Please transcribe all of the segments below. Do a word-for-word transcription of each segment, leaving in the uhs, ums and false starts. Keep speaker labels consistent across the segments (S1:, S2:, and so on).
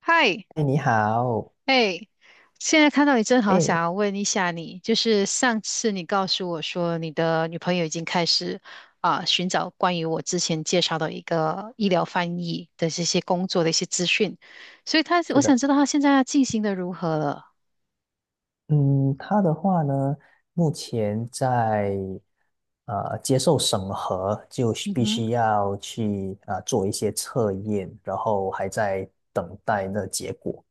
S1: 嗨，
S2: 哎，你好。
S1: 哎，现在看到你，真好。想
S2: 哎，
S1: 要问一下你，就是上次你告诉我说你的女朋友已经开始啊、寻找关于我之前介绍的一个医疗翻译的这些工作的一些资讯，所以她我
S2: 是
S1: 想
S2: 的。
S1: 知道她现在进行的如何了。
S2: 嗯，他的话呢，目前在呃接受审核，就是必
S1: 嗯
S2: 须要去啊、呃做一些测验，然后还在等待那结果。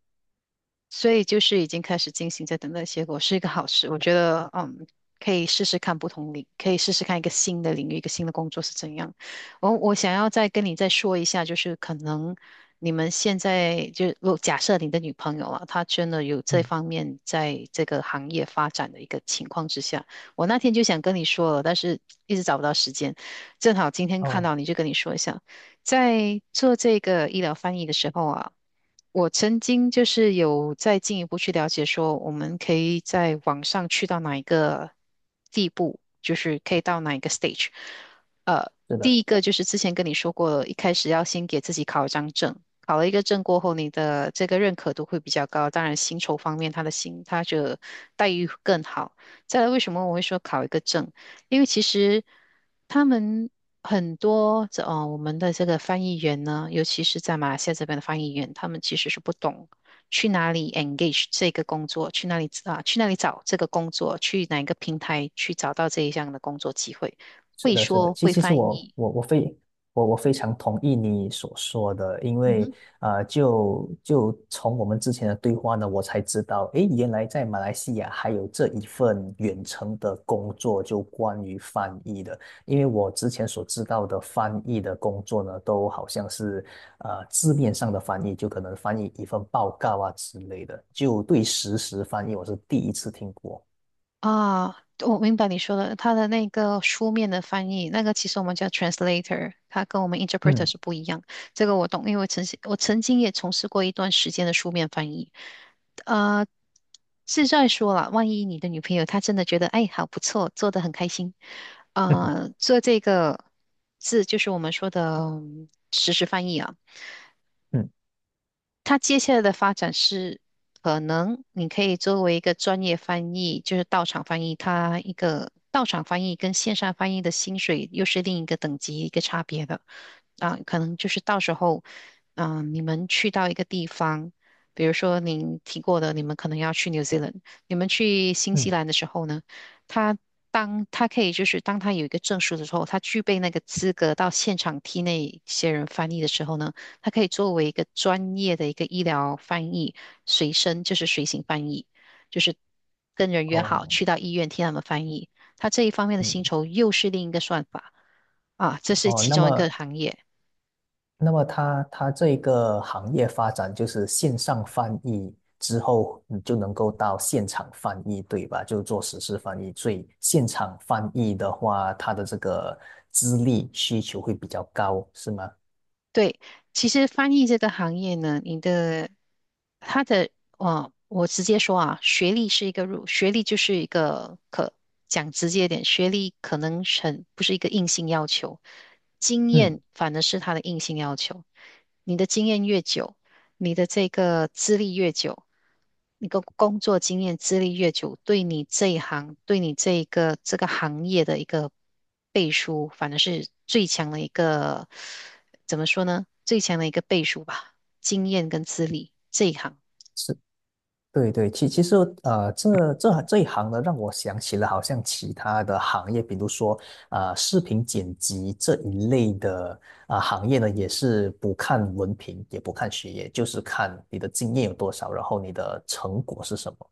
S1: 所以就是已经开始进行，在等待结果，是一个好事。我觉得，嗯，可以试试看不同领，可以试试看一个新的领域，一个新的工作是怎样。我我想要再跟你再说一下，就是可能你们现在就如果假设你的女朋友啊，她真的有这
S2: 嗯。
S1: 方面在这个行业发展的一个情况之下，我那天就想跟你说了，但是一直找不到时间，正好今天看
S2: 哦，
S1: 到你就跟你说一下，在做这个医疗翻译的时候啊。我曾经就是有再进一步去了解，说我们可以在网上去到哪一个地步，就是可以到哪一个 stage。呃，
S2: 是
S1: 第
S2: 的。
S1: 一个就是之前跟你说过，一开始要先给自己考一张证，考了一个证过后，你的这个认可度会比较高。当然，薪酬方面，他的薪他的待遇更好。再来，为什么我会说考一个证？因为其实他们很多这哦，我们的这个翻译员呢，尤其是在马来西亚这边的翻译员，他们其实是不懂去哪里 engage 这个工作，去哪里啊，去哪里找这个工作，去哪一个平台去找到这一项的工作机会，
S2: 是
S1: 会
S2: 的，是的，
S1: 说
S2: 其
S1: 会
S2: 其实
S1: 翻
S2: 我
S1: 译。
S2: 我我非我我非常同意你所说的，因
S1: 嗯
S2: 为
S1: 哼。
S2: 啊，就就从我们之前的对话呢，我才知道，诶，原来在马来西亚还有这一份远程的工作，就关于翻译的。因为我之前所知道的翻译的工作呢，都好像是呃字面上的翻译，就可能翻译一份报告啊之类的，就对实时翻译我是第一次听过。
S1: 啊，我明白你说的，它的那个书面的翻译，那个其实我们叫 translator，它跟我们 interpreter
S2: 嗯。
S1: 是不一样。这个我懂，因为我曾经我曾经也从事过一段时间的书面翻译。呃，是在说了，万一你的女朋友她真的觉得，哎，好不错，做得很开心，呃，做这个字就是我们说的嗯实时翻译啊。
S2: 嗯
S1: 它接下来的发展是，可能你可以作为一个专业翻译，就是到场翻译，它一个到场翻译跟线上翻译的薪水又是另一个等级一个差别的啊，可能就是到时候，嗯、你们去到一个地方，比如说您提过的，你们可能要去 New Zealand，你们去新西
S2: 嗯。
S1: 兰的时候呢，他当他可以就是当他有一个证书的时候，他具备那个资格到现场替那些人翻译的时候呢。它可以作为一个专业的一个医疗翻译，随身就是随行翻译，就是跟人约好
S2: 哦。
S1: 去到医院听他们翻译。他这一方面的薪
S2: 嗯。
S1: 酬又是另一个算法啊，这是
S2: 哦，
S1: 其
S2: 那
S1: 中一
S2: 么，
S1: 个行业。
S2: 那么它它这个行业发展就是线上翻译之后，你就能够到现场翻译，对吧？就做实时翻译。所以现场翻译的话，它的这个资历需求会比较高，是吗？
S1: 对，其实翻译这个行业呢，你的他的哦，我直接说啊，学历是一个入，学历就是一个可讲直接一点，学历可能是很不是一个硬性要求，经
S2: 嗯。
S1: 验反而是他的硬性要求。你的经验越久，你的这个资历越久，你的工作经验资历越久，对你这一行，对你这一个这个行业的一个背书，反而是最强的一个。怎么说呢？最强的一个倍数吧，经验跟资历这一行。
S2: 是。对对，其其实呃，这这这一行呢，让我想起了好像其他的行业，比如说呃，视频剪辑这一类的啊、呃行业呢，也是不看文凭，也不看学业，就是看你的经验有多少，然后你的成果是什么。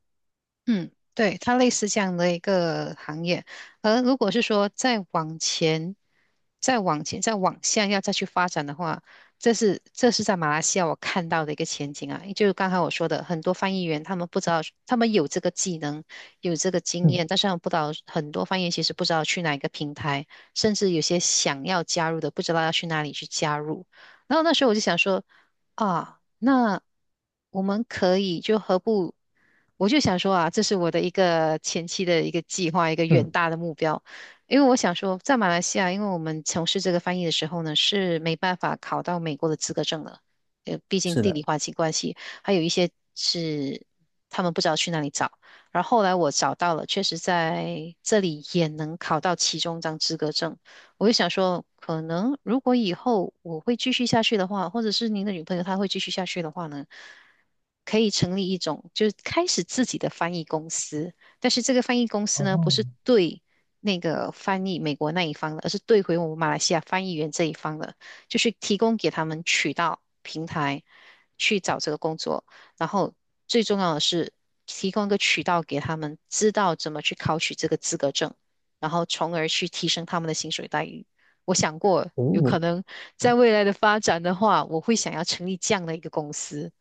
S1: 嗯，对，它类似这样的一个行业。而如果是说再往前、再往前、再往下要再去发展的话，这是这是在马来西亚我看到的一个前景啊。就是刚才我说的，很多翻译员他们不知道，他们有这个技能，有这个经
S2: 嗯。
S1: 验，但是他们不知道很多翻译员其实不知道去哪一个平台，甚至有些想要加入的不知道要去哪里去加入。然后那时候我就想说，啊，那我们可以就何不，我就想说啊，这是我的一个前期的一个计划，一个远
S2: 嗯，
S1: 大的目标。因为我想说，在马来西亚，因为我们从事这个翻译的时候呢，是没办法考到美国的资格证的，呃，毕竟
S2: 是
S1: 地理
S2: 的。
S1: 环境关系，还有一些是他们不知道去哪里找。然后后来我找到了，确实在这里也能考到其中一张资格证。我就想说，可能如果以后我会继续下去的话，或者是您的女朋友她会继续下去的话呢，可以成立一种就是开始自己的翻译公司，但是这个翻译公司呢，不
S2: 哦。
S1: 是对那个翻译美国那一方的，而是对回我们马来西亚翻译员这一方的，就是提供给他们渠道平台去找这个工作，然后最重要的是提供一个渠道给他们，知道怎么去考取这个资格证。然后从而去提升他们的薪水待遇。我想过，
S2: 诶，
S1: 有可
S2: 你
S1: 能在未来的发展的话，我会想要成立这样的一个公司。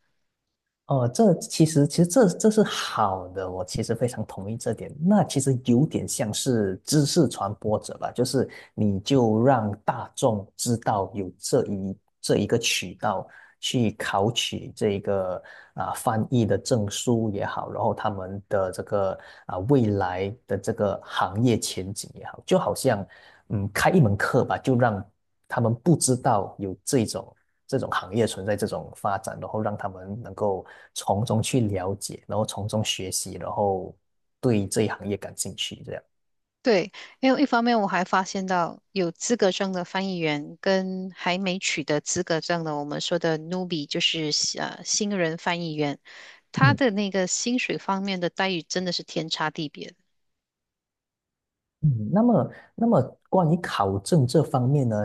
S2: 哦，这其实其实这这是好的，我其实非常同意这点。那其实有点像是知识传播者吧，就是你就让大众知道有这一这一个渠道去考取这一个啊、翻译的证书也好，然后他们的这个啊、未来的这个行业前景也好，就好像嗯开一门课吧，就让他们不知道有这种。这种行业存在这种发展，然后让他们能够从中去了解，然后从中学习，然后对这一行业感兴趣，这样。
S1: 对，因为一方面我还发现到有资格证的翻译员跟还没取得资格证的，我们说的 n e b i e 就是呃新人翻译员，他
S2: 嗯
S1: 的那个薪水方面的待遇真的是天差地别。
S2: 嗯。那么那么关于考证这方面呢，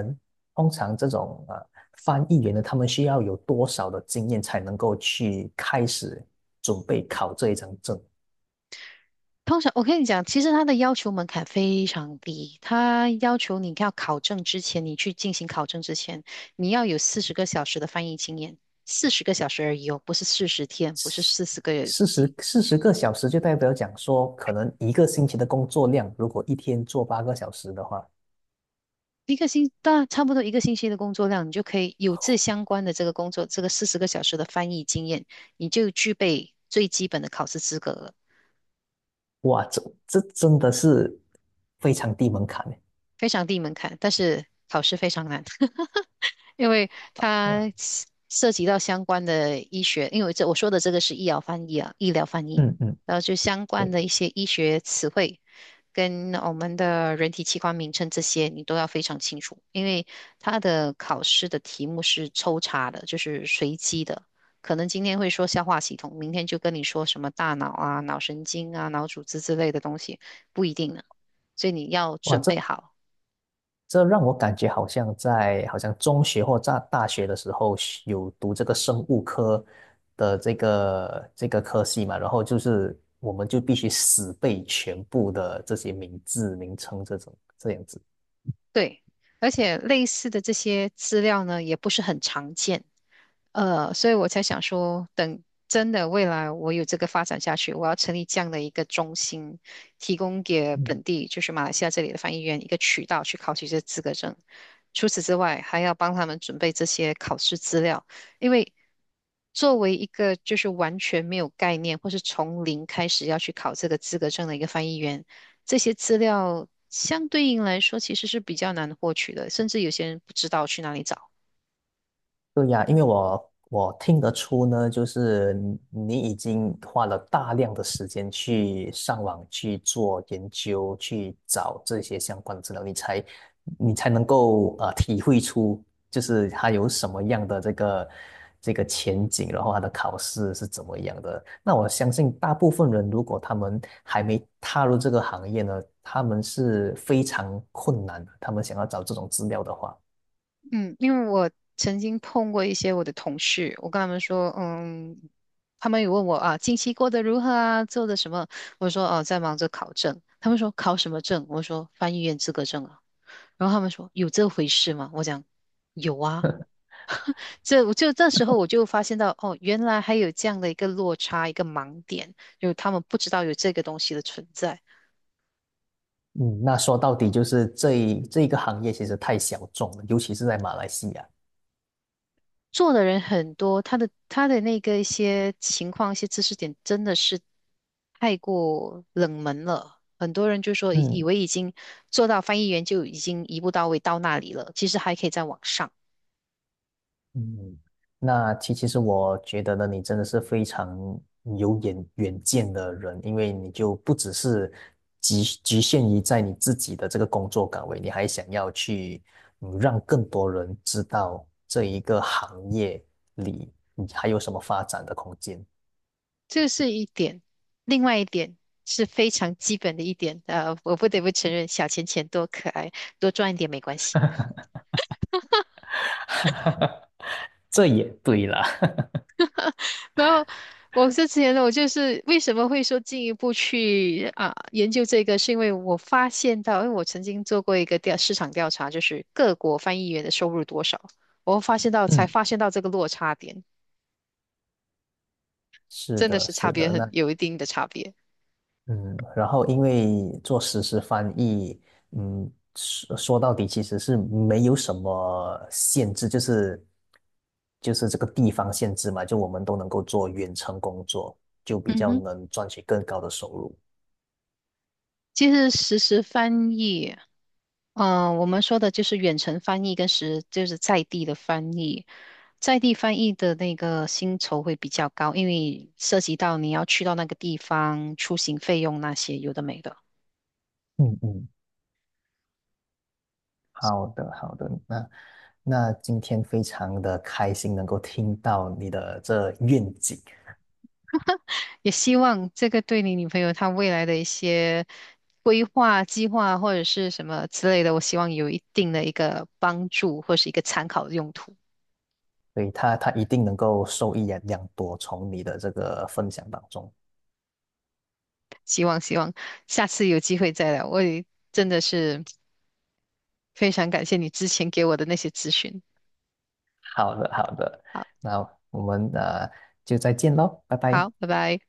S2: 通常这种呃翻译员呢，他们需要有多少的经验才能够去开始准备考这一张证？
S1: 通常我跟你讲，其实他的要求门槛非常低，他要求你要考证之前，你去进行考证之前，你要有四十个小时的翻译经验，四十个小时而已哦，不是四十天，不是
S2: 四
S1: 四十个月
S2: 四
S1: 几，
S2: 十四十个小时就代表讲说，可能一个星期的工作量，如果一天做八个小时的话，
S1: 一个星，大差不多一个星期的工作量，你就可以有这相关的这个工作，这个四十个小时的翻译经验，你就具备最基本的考试资格了，
S2: 哇，这这真的是非常低门槛诶。
S1: 非常低门槛，但是考试非常难。因为它涉及到相关的医学，因为这我说的这个是医疗翻译啊，医疗翻译，
S2: 嗯嗯，
S1: 然后就相关
S2: 对。
S1: 的一些医学词汇跟我们的人体器官名称这些，你都要非常清楚，因为它的考试的题目是抽查的，就是随机的。可能今天会说消化系统，明天就跟你说什么大脑啊、脑神经啊、脑组织之类的东西，不一定呢。所以你要
S2: 哇，
S1: 准
S2: 这
S1: 备好。
S2: 这让我感觉好像在好像中学或在大学的时候学有读这个生物科的这个这个科系嘛，然后就是我们就必须死背全部的这些名字名称这种这样子。
S1: 对，而且类似的这些资料呢，也不是很常见，呃，所以我才想说，等真的未来我有这个发展下去，我要成立这样的一个中心，提供给本地就是马来西亚这里的翻译员一个渠道去考取这资格证。除此之外，还要帮他们准备这些考试资料，因为作为一个就是完全没有概念或是从零开始要去考这个资格证的一个翻译员。这些资料相对应来说其实是比较难获取的，甚至有些人不知道去哪里找。
S2: 对呀，因为我我听得出呢，就是你你已经花了大量的时间去上网去做研究，去找这些相关的资料，你才你才能够呃体会出，就是它有什么样的这个这个前景，然后它的考试是怎么样的。那我相信大部分人，如果他们还没踏入这个行业呢，他们是非常困难的，他们想要找这种资料的话。
S1: 嗯，因为我曾经碰过一些我的同事，我跟他们说，嗯，他们有问我啊，近期过得如何啊，做的什么？我说哦，在忙着考证。他们说考什么证？我说翻译员资格证啊。然后他们说有这回事吗？我讲有啊。这我就那时候我就发现到，哦，原来还有这样的一个落差，一个盲点，就是他们不知道有这个东西的存在。
S2: 嗯，那说到底就是这一这一个行业其实太小众了，尤其是在马来西亚。
S1: 做的人很多，他的他的那个一些情况、一些知识点真的是太过冷门了。很多人就说以以
S2: 嗯
S1: 为已经做到翻译员就已经一步到位到那里了，其实还可以再往上。
S2: 嗯，那其其实我觉得呢，你真的是非常有远远见的人，因为你就不只是局局限于在你自己的这个工作岗位，你还想要去嗯让更多人知道这一个行业里你还有什么发展的空间。
S1: 这是一点，另外一点是非常基本的一点，呃，我不得不承认，小钱钱多可爱，多赚一点没关系。
S2: 这也对啦。
S1: 然后我之前呢，我就是为什么会说进一步去啊研究这个，是因为我发现到，因为我曾经做过一个调市场调查，就是各国翻译员的收入多少，我发现到才
S2: 嗯，
S1: 发现到这个落差点，
S2: 是
S1: 真的
S2: 的，
S1: 是差
S2: 是
S1: 别
S2: 的。
S1: 很
S2: 那
S1: 有一定的差别。
S2: 嗯，然后因为做实时翻译，嗯，说说到底其实是没有什么限制，就是就是这个地方限制嘛，就我们都能够做远程工作，就比
S1: 嗯
S2: 较
S1: 哼。
S2: 能赚取更高的收入。
S1: 就是实时翻译，嗯、我们说的就是远程翻译跟实就是在地的翻译，在地翻译的那个薪酬会比较高，因为涉及到你要去到那个地方，出行费用那些有的没的。
S2: 嗯嗯，好的好的。那那今天非常的开心能够听到你的这愿景，
S1: 也希望这个对你女朋友她未来的一些规划、计划或者是什么之类的，我希望有一定的一个帮助或是一个参考的用途。
S2: 所以他他一定能够受益良良多，从你的这个分享当中。
S1: 希望希望下次有机会再聊，我也真的是。非常感谢你之前给我的那些咨询。
S2: 好的，好的。
S1: 好，
S2: 那我们呃就再见喽，拜拜。
S1: 好，拜拜。